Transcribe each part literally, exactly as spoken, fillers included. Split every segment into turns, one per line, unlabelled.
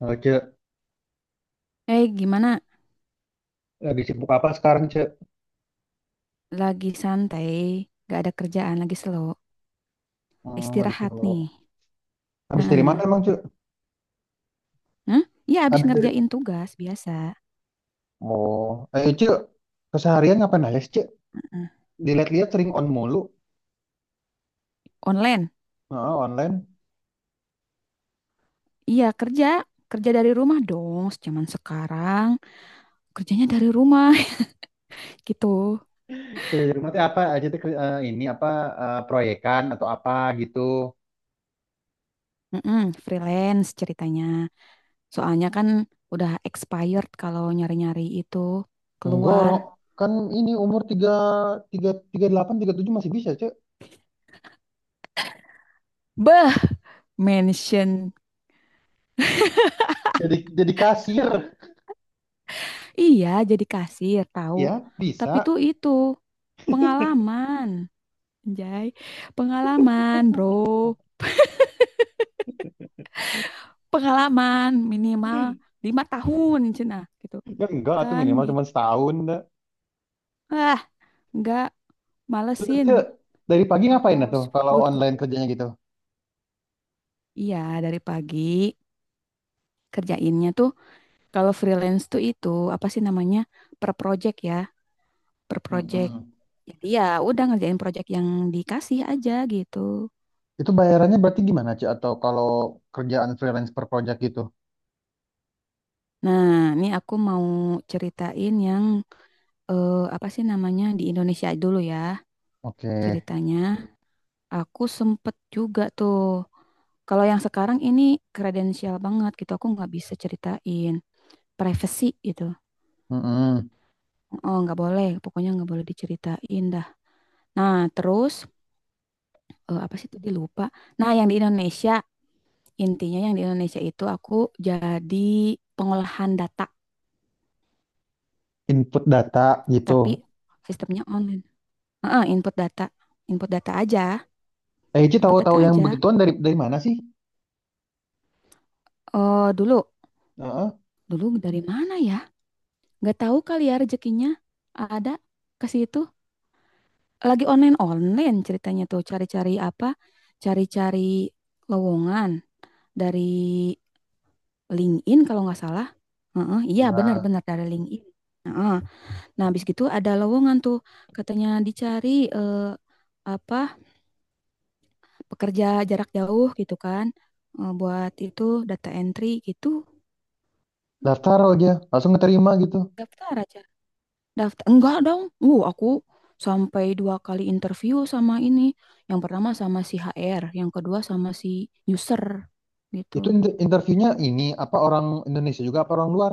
Oh, Cek,
Eh, gimana?
lagi sibuk apa sekarang, Cek?
Lagi santai, gak ada kerjaan, lagi slow.
Hmm, lagi
Istirahat
sibuk.
nih.
Habis dari mana
Heeh.
emang, Cek?
Hah? Iya, abis
Habis dari...
ngerjain tugas biasa.
Oh, eh, Cek, keseharian ngapain aja, sih, Cek?
Heeh.
Dilihat-lihat sering on mulu.
Online?
Heeh, online.
Iya, kerja. Kerja dari rumah dong, zaman sekarang. Kerjanya dari rumah, gitu.
Ya, di rumah tuh apa aja tuh, ke- eh, ini apa, eh, proyekan atau apa gitu.
Heeh, freelance ceritanya. Soalnya kan udah expired kalau nyari-nyari itu
Enggak,
keluar.
orang kan ini umur tiga tiga tiga delapan tiga tujuh masih bisa cek.
Beh, mention.
Jadi, jadi kasir,
Iya, jadi kasir, tahu.
ya,
Tapi tuh
bisa.
itu pengalaman. Anjay, pengalaman bro, pengalaman minimal lima tahun cina gitu
Ya, enggak, tuh
kan
minimal cuma
gitu.
setahun, dah.
Ah, nggak
Terus,
malesin
Cek, dari pagi ngapain, dah,
harus
tuh, kalau
lut
online
kutu.
kerjanya gitu?
Iya dari pagi kerjainnya tuh kalau freelance tuh itu apa sih namanya per project ya per project.
Mm-mm.
Jadi ya udah ngerjain project yang dikasih aja gitu.
Itu bayarannya berarti gimana, Ci? Atau kalau kerjaan freelance per project gitu?
Nah, ini aku mau ceritain yang eh, apa sih namanya di Indonesia dulu ya
Oke.
ceritanya. Aku sempet juga tuh. Kalau yang sekarang ini kredensial banget gitu. Aku nggak bisa ceritain. Privacy gitu.
Mm-mm.
Oh, nggak boleh. Pokoknya nggak boleh diceritain dah. Nah, terus eh, apa sih tadi lupa. Nah, yang di Indonesia intinya yang di Indonesia itu aku jadi pengolahan data,
Input data gitu.
tapi sistemnya online. Heeh, input data, input data aja,
Eh, Ci
input
tahu-tahu
data
yang
aja.
begituan dari dari mana sih?
Oh, dulu,
Heeh.
dulu dari mana ya? Nggak tahu kali ya rezekinya ada ke situ. lagi online-online ceritanya tuh cari-cari apa? Cari-cari lowongan dari LinkedIn kalau nggak salah. Heeh, iya
Nah,
benar-benar dari LinkedIn. Heeh. Nah, habis gitu ada lowongan tuh katanya dicari eh, apa? Pekerja jarak jauh gitu kan. Eh, buat itu data entry gitu.
daftar aja, langsung keterima gitu.
Daftar aja. Daftar enggak dong. Uh, aku sampai dua kali interview sama ini. Yang pertama sama si H R, yang kedua sama si user gitu.
Itu inter- interviewnya ini apa orang Indonesia juga apa orang luar?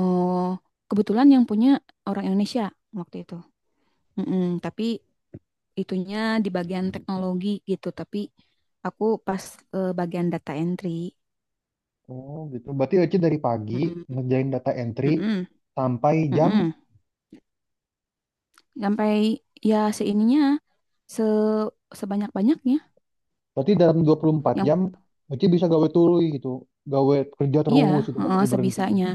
Oh, kebetulan yang punya orang Indonesia waktu itu. Mm-mm, tapi itunya di bagian teknologi gitu, tapi aku pas eh, bagian data entry.
Oh, gitu. Berarti Ci dari pagi
Mm-mm,
ngerjain data entry
mm-mm,
sampai jam,
mm-mm. Sampai ya seininya se sebanyak-banyaknya
berarti dalam dua puluh empat
yang
jam Ci bisa gawe tului gitu. Gawe kerja
iya,
terus itu nggak
heeh,
berhenti-berhenti.
sebisanya.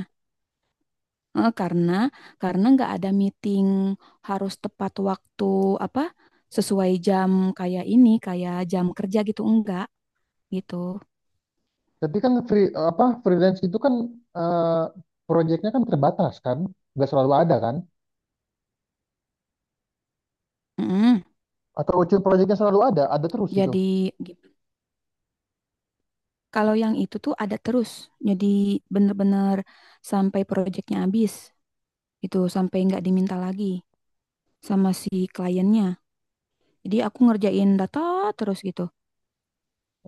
Eh, karena karena nggak ada meeting harus tepat waktu apa sesuai jam kayak ini kayak jam kerja gitu enggak gitu.
Tapi kan free apa freelance itu kan, eh, proyeknya kan terbatas kan, nggak selalu ada kan?
Mm-mm.
Atau ujung proyeknya selalu ada, ada terus gitu.
Jadi gitu. Kalau yang itu tuh ada terus. Jadi bener-bener sampai proyeknya habis itu sampai nggak diminta lagi sama si kliennya. Jadi aku ngerjain data terus gitu.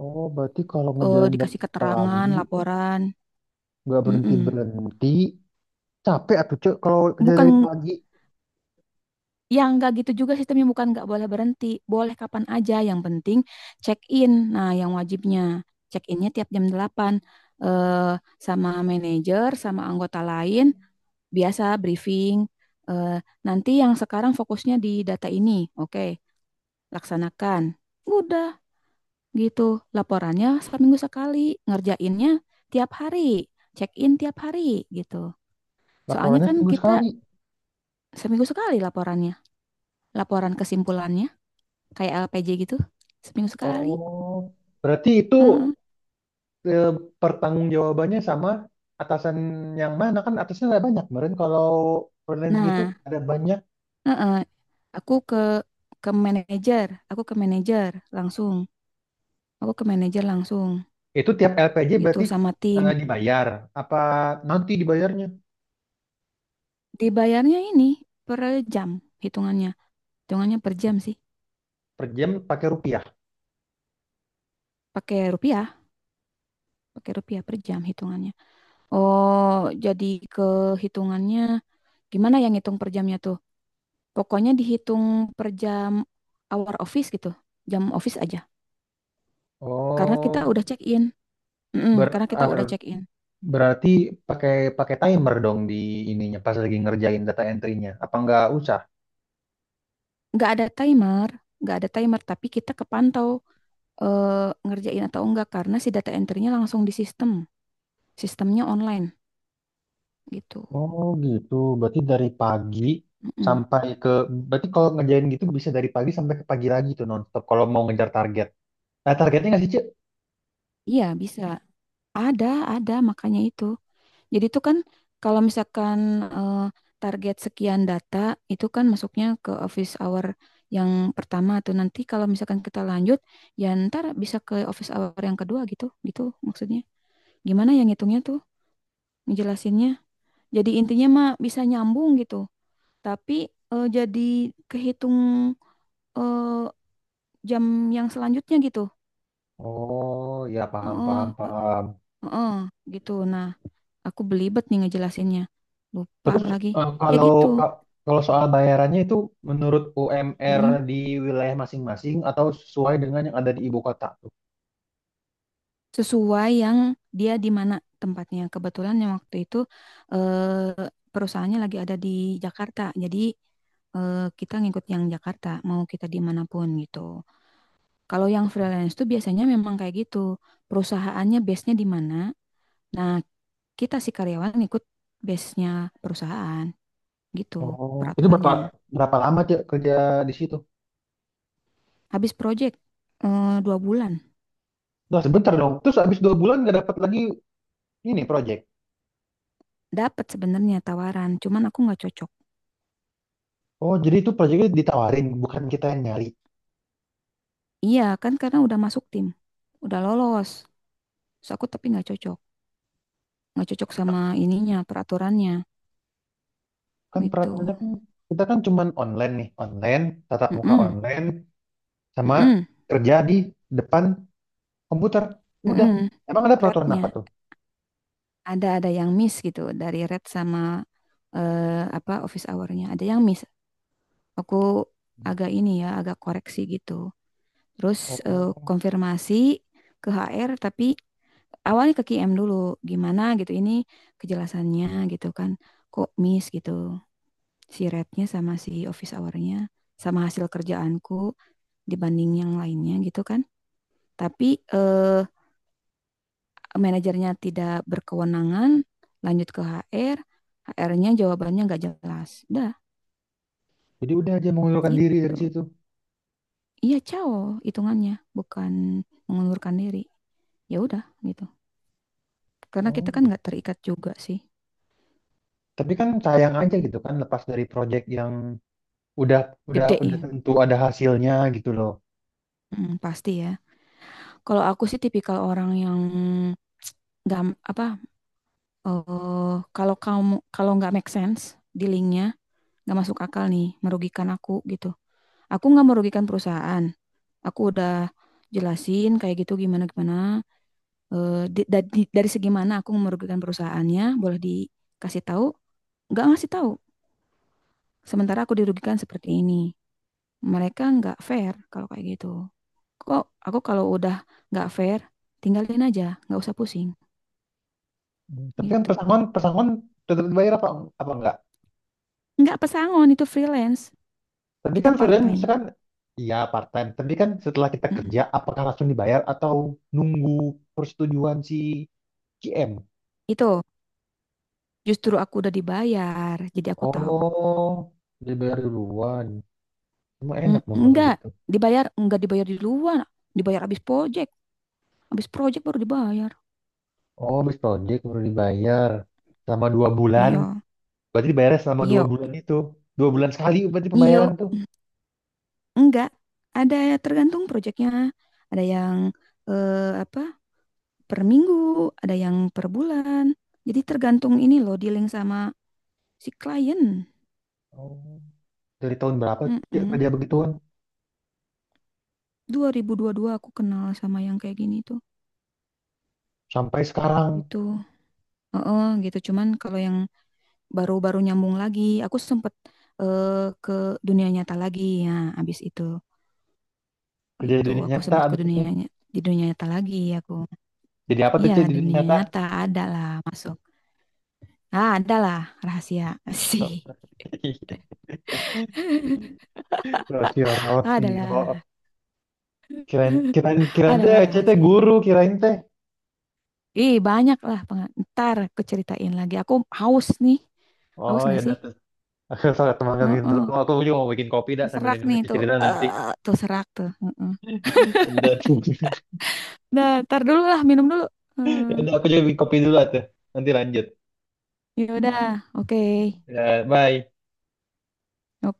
Oh, berarti kalau
Eh,
ngerjain dari
dikasih keterangan,
pagi
laporan.
nggak berhenti
Mm-mm.
berhenti, capek atuh cek kalau kerja dari
Bukan
pagi.
Ya nggak gitu juga sistemnya bukan nggak boleh berhenti, boleh kapan aja yang penting check in. Nah, yang wajibnya check innya tiap jam delapan eh, sama manajer sama anggota lain biasa briefing. eh, Nanti yang sekarang fokusnya di data ini, oke, laksanakan. Udah gitu, laporannya seminggu sekali, ngerjainnya tiap hari, check in tiap hari gitu. Soalnya
Laporannya
kan
seminggu
kita
sekali.
seminggu sekali laporannya, laporan kesimpulannya kayak L P J gitu seminggu sekali.
Oh, berarti itu,
Heeh.
eh, pertanggungjawabannya sama atasan yang mana, kan atasnya ada banyak kemarin kalau freelance gitu
Nah,
ada banyak.
heeh, aku ke ke manajer, aku ke manajer langsung, aku ke manajer langsung
Itu tiap L P J
gitu
berarti
sama tim.
eh, dibayar. Apa nanti dibayarnya
Dibayarnya ini per jam hitungannya, hitungannya per jam sih,
per jam pakai rupiah?
pakai rupiah, pakai rupiah per jam hitungannya. Oh, jadi ke hitungannya gimana yang ngitung per jamnya tuh? Pokoknya dihitung per jam hour office gitu, jam office aja. Karena kita udah
Oh,
check in, Mm-mm,
ber-
karena kita udah
ar-
check in.
berarti pakai pakai timer dong di ininya pas lagi ngerjain data entry-nya. Apa nggak usah?
Nggak ada timer, nggak ada timer, tapi kita kepantau eh, ngerjain atau enggak karena si data entry-nya langsung di sistem, sistemnya online gitu.
Oh, gitu. Berarti dari pagi
Mm-mm.
sampai ke, berarti kalau ngerjain gitu bisa dari pagi sampai ke pagi lagi tuh nonstop kalau mau ngejar target. Nah, targetnya nggak sih, Cek?
Iya bisa, ada ada makanya itu. Jadi itu kan kalau misalkan eh, target sekian data itu kan masuknya ke office hour yang pertama tuh nanti kalau misalkan kita lanjut ya ntar bisa ke office hour yang kedua gitu gitu maksudnya gimana yang ngitungnya tuh ngejelasinnya jadi intinya mah bisa nyambung gitu tapi eh, jadi kehitung eh, jam yang selanjutnya gitu.
Oh, ya, paham
Heeh,
paham
eh,
paham.
heeh, gitu. Nah, aku belibet nih ngejelasinnya. Lupa
Terus,
lagi.
eh,
Ya
kalau
gitu.
kalau soal bayarannya itu menurut U M R
Mm-mm.
di wilayah masing-masing atau sesuai dengan yang ada di ibu kota tuh?
Sesuai yang dia di mana tempatnya. Kebetulan yang waktu itu eh, perusahaannya lagi ada di Jakarta. Jadi eh, kita ngikut yang Jakarta, mau kita dimanapun gitu. Kalau yang freelance tuh biasanya memang kayak gitu, perusahaannya base-nya di mana. Nah, kita si karyawan ikut base-nya perusahaan gitu
Oh, itu berapa
peraturannya.
berapa lama Cek, kerja di situ?
Habis project eh, dua bulan
Nah, sebentar dong. Terus habis dua bulan nggak dapat lagi ini project.
dapat sebenarnya tawaran, cuman aku nggak cocok.
Oh, jadi itu projectnya ditawarin, bukan kita yang nyari.
Iya kan karena udah masuk tim, udah lolos. So aku tapi nggak cocok, nggak cocok sama ininya peraturannya
Kan peraturannya
gitu.
kan kita kan cuman online nih, online, tatap muka
Mm-mm,
online, sama
mm-mm,
kerja di depan komputer. Udah.
mm-mm.
Emang ada peraturan apa
Rednya
tuh?
ada ada yang miss gitu dari red sama eh, apa office hour-nya ada yang miss. Aku agak ini ya, agak koreksi gitu. Terus eh,
Oh.
konfirmasi ke H R tapi awalnya ke K M dulu. Gimana gitu ini kejelasannya gitu kan. Kok miss gitu. Si rate-nya sama si office hour-nya sama hasil kerjaanku dibanding yang lainnya gitu kan. Tapi eh manajernya tidak berkewenangan, lanjut ke H R, H R-nya jawabannya nggak jelas. Dah,
Jadi udah aja mengundurkan diri dari
gitu.
situ.
Iya, cao hitungannya, bukan mengundurkan diri. Ya udah gitu. Karena
Oh,
kita kan nggak
gitu.
terikat juga sih.
Tapi kan sayang aja gitu kan lepas dari project yang udah udah
Gede
udah
ya.
tentu ada hasilnya gitu loh.
Mm, pasti ya. Kalau aku sih tipikal orang yang nggak apa eh kalau kamu kalau nggak make sense dealingnya nggak masuk akal nih merugikan aku gitu aku nggak merugikan perusahaan aku udah jelasin kayak gitu gimana gimana. Eh, di- da- di- dari segi mana aku merugikan perusahaannya boleh dikasih tahu nggak ngasih tahu sementara aku dirugikan seperti ini. Mereka nggak fair kalau kayak gitu. Kok aku kalau udah nggak fair, tinggalin aja, nggak usah pusing
Hmm. Tapi kan
gitu.
pesangon pesangon tetap dibayar apa apa enggak?
Nggak pesangon itu freelance,
Tapi
kita
kan
part
student
time.
misalkan iya part time, tapi kan setelah kita
Mm-mm.
kerja apakah langsung dibayar atau nunggu persetujuan si G M?
Itu justru aku udah dibayar, jadi aku tahu.
Oh, dibayar duluan. Cuma
Mm,
enak dong kalau
Nggak
gitu.
dibayar, nggak dibayar di luar, dibayar abis project, Abis project baru dibayar.
Oh, habis project baru dibayar. Selama dua bulan.
Iya,
Berarti dibayarnya selama dua
iya,
bulan itu. Dua bulan sekali berarti
iya,
pembayaran tuh.
enggak. Ada tergantung projectnya, ada yang eh, apa per minggu, ada yang per bulan. Jadi tergantung ini loh, dealing sama si klien.
Oh. Dari tahun berapa tuh Cik,
Mm-mm.
kerja begituan?
dua ribu dua puluh dua aku kenal sama yang kayak gini tuh.
Sampai sekarang.
Gitu. Heeh, gitu. Cuman kalau yang baru-baru nyambung lagi, aku sempet eh, ke dunia nyata lagi ya abis itu.
Kerja di
Gitu,
dunia
aku
nyata
sempet ke
abis itu.
dunia ny- di dunia nyata lagi aku.
Jadi apa tuh
Iya,
Cik di dunia
dunia
nyata?
nyata ada lah masuk. Ah, ada lah rahasia. Sih.
Rosio, Rosio.
Adalah,
Kirain, kirain, kirain
adalah
teh Cik teh
rahasia.
guru, kirain teh.
Ih, banyak lah. penga- Ntar keceritain lagi. Aku haus nih. Haus
Oh, ya
gak
udah
sih?
tuh. Aku salah teman kalian dulu.
Heeh.
Aku aku juga mau bikin kopi dah sambil
Serak
dengerin
nih
Cik
tuh.
cerita nanti.
Eh, tuh serak tuh. Heeh.
Ya udah.
Nah, ntar dulu lah. Minum dulu.
Ya
Hmm.
udah, aku juga bikin kopi dulu tuh. Nanti lanjut.
Ya udah. Oke.
Ya, bye.
Oke.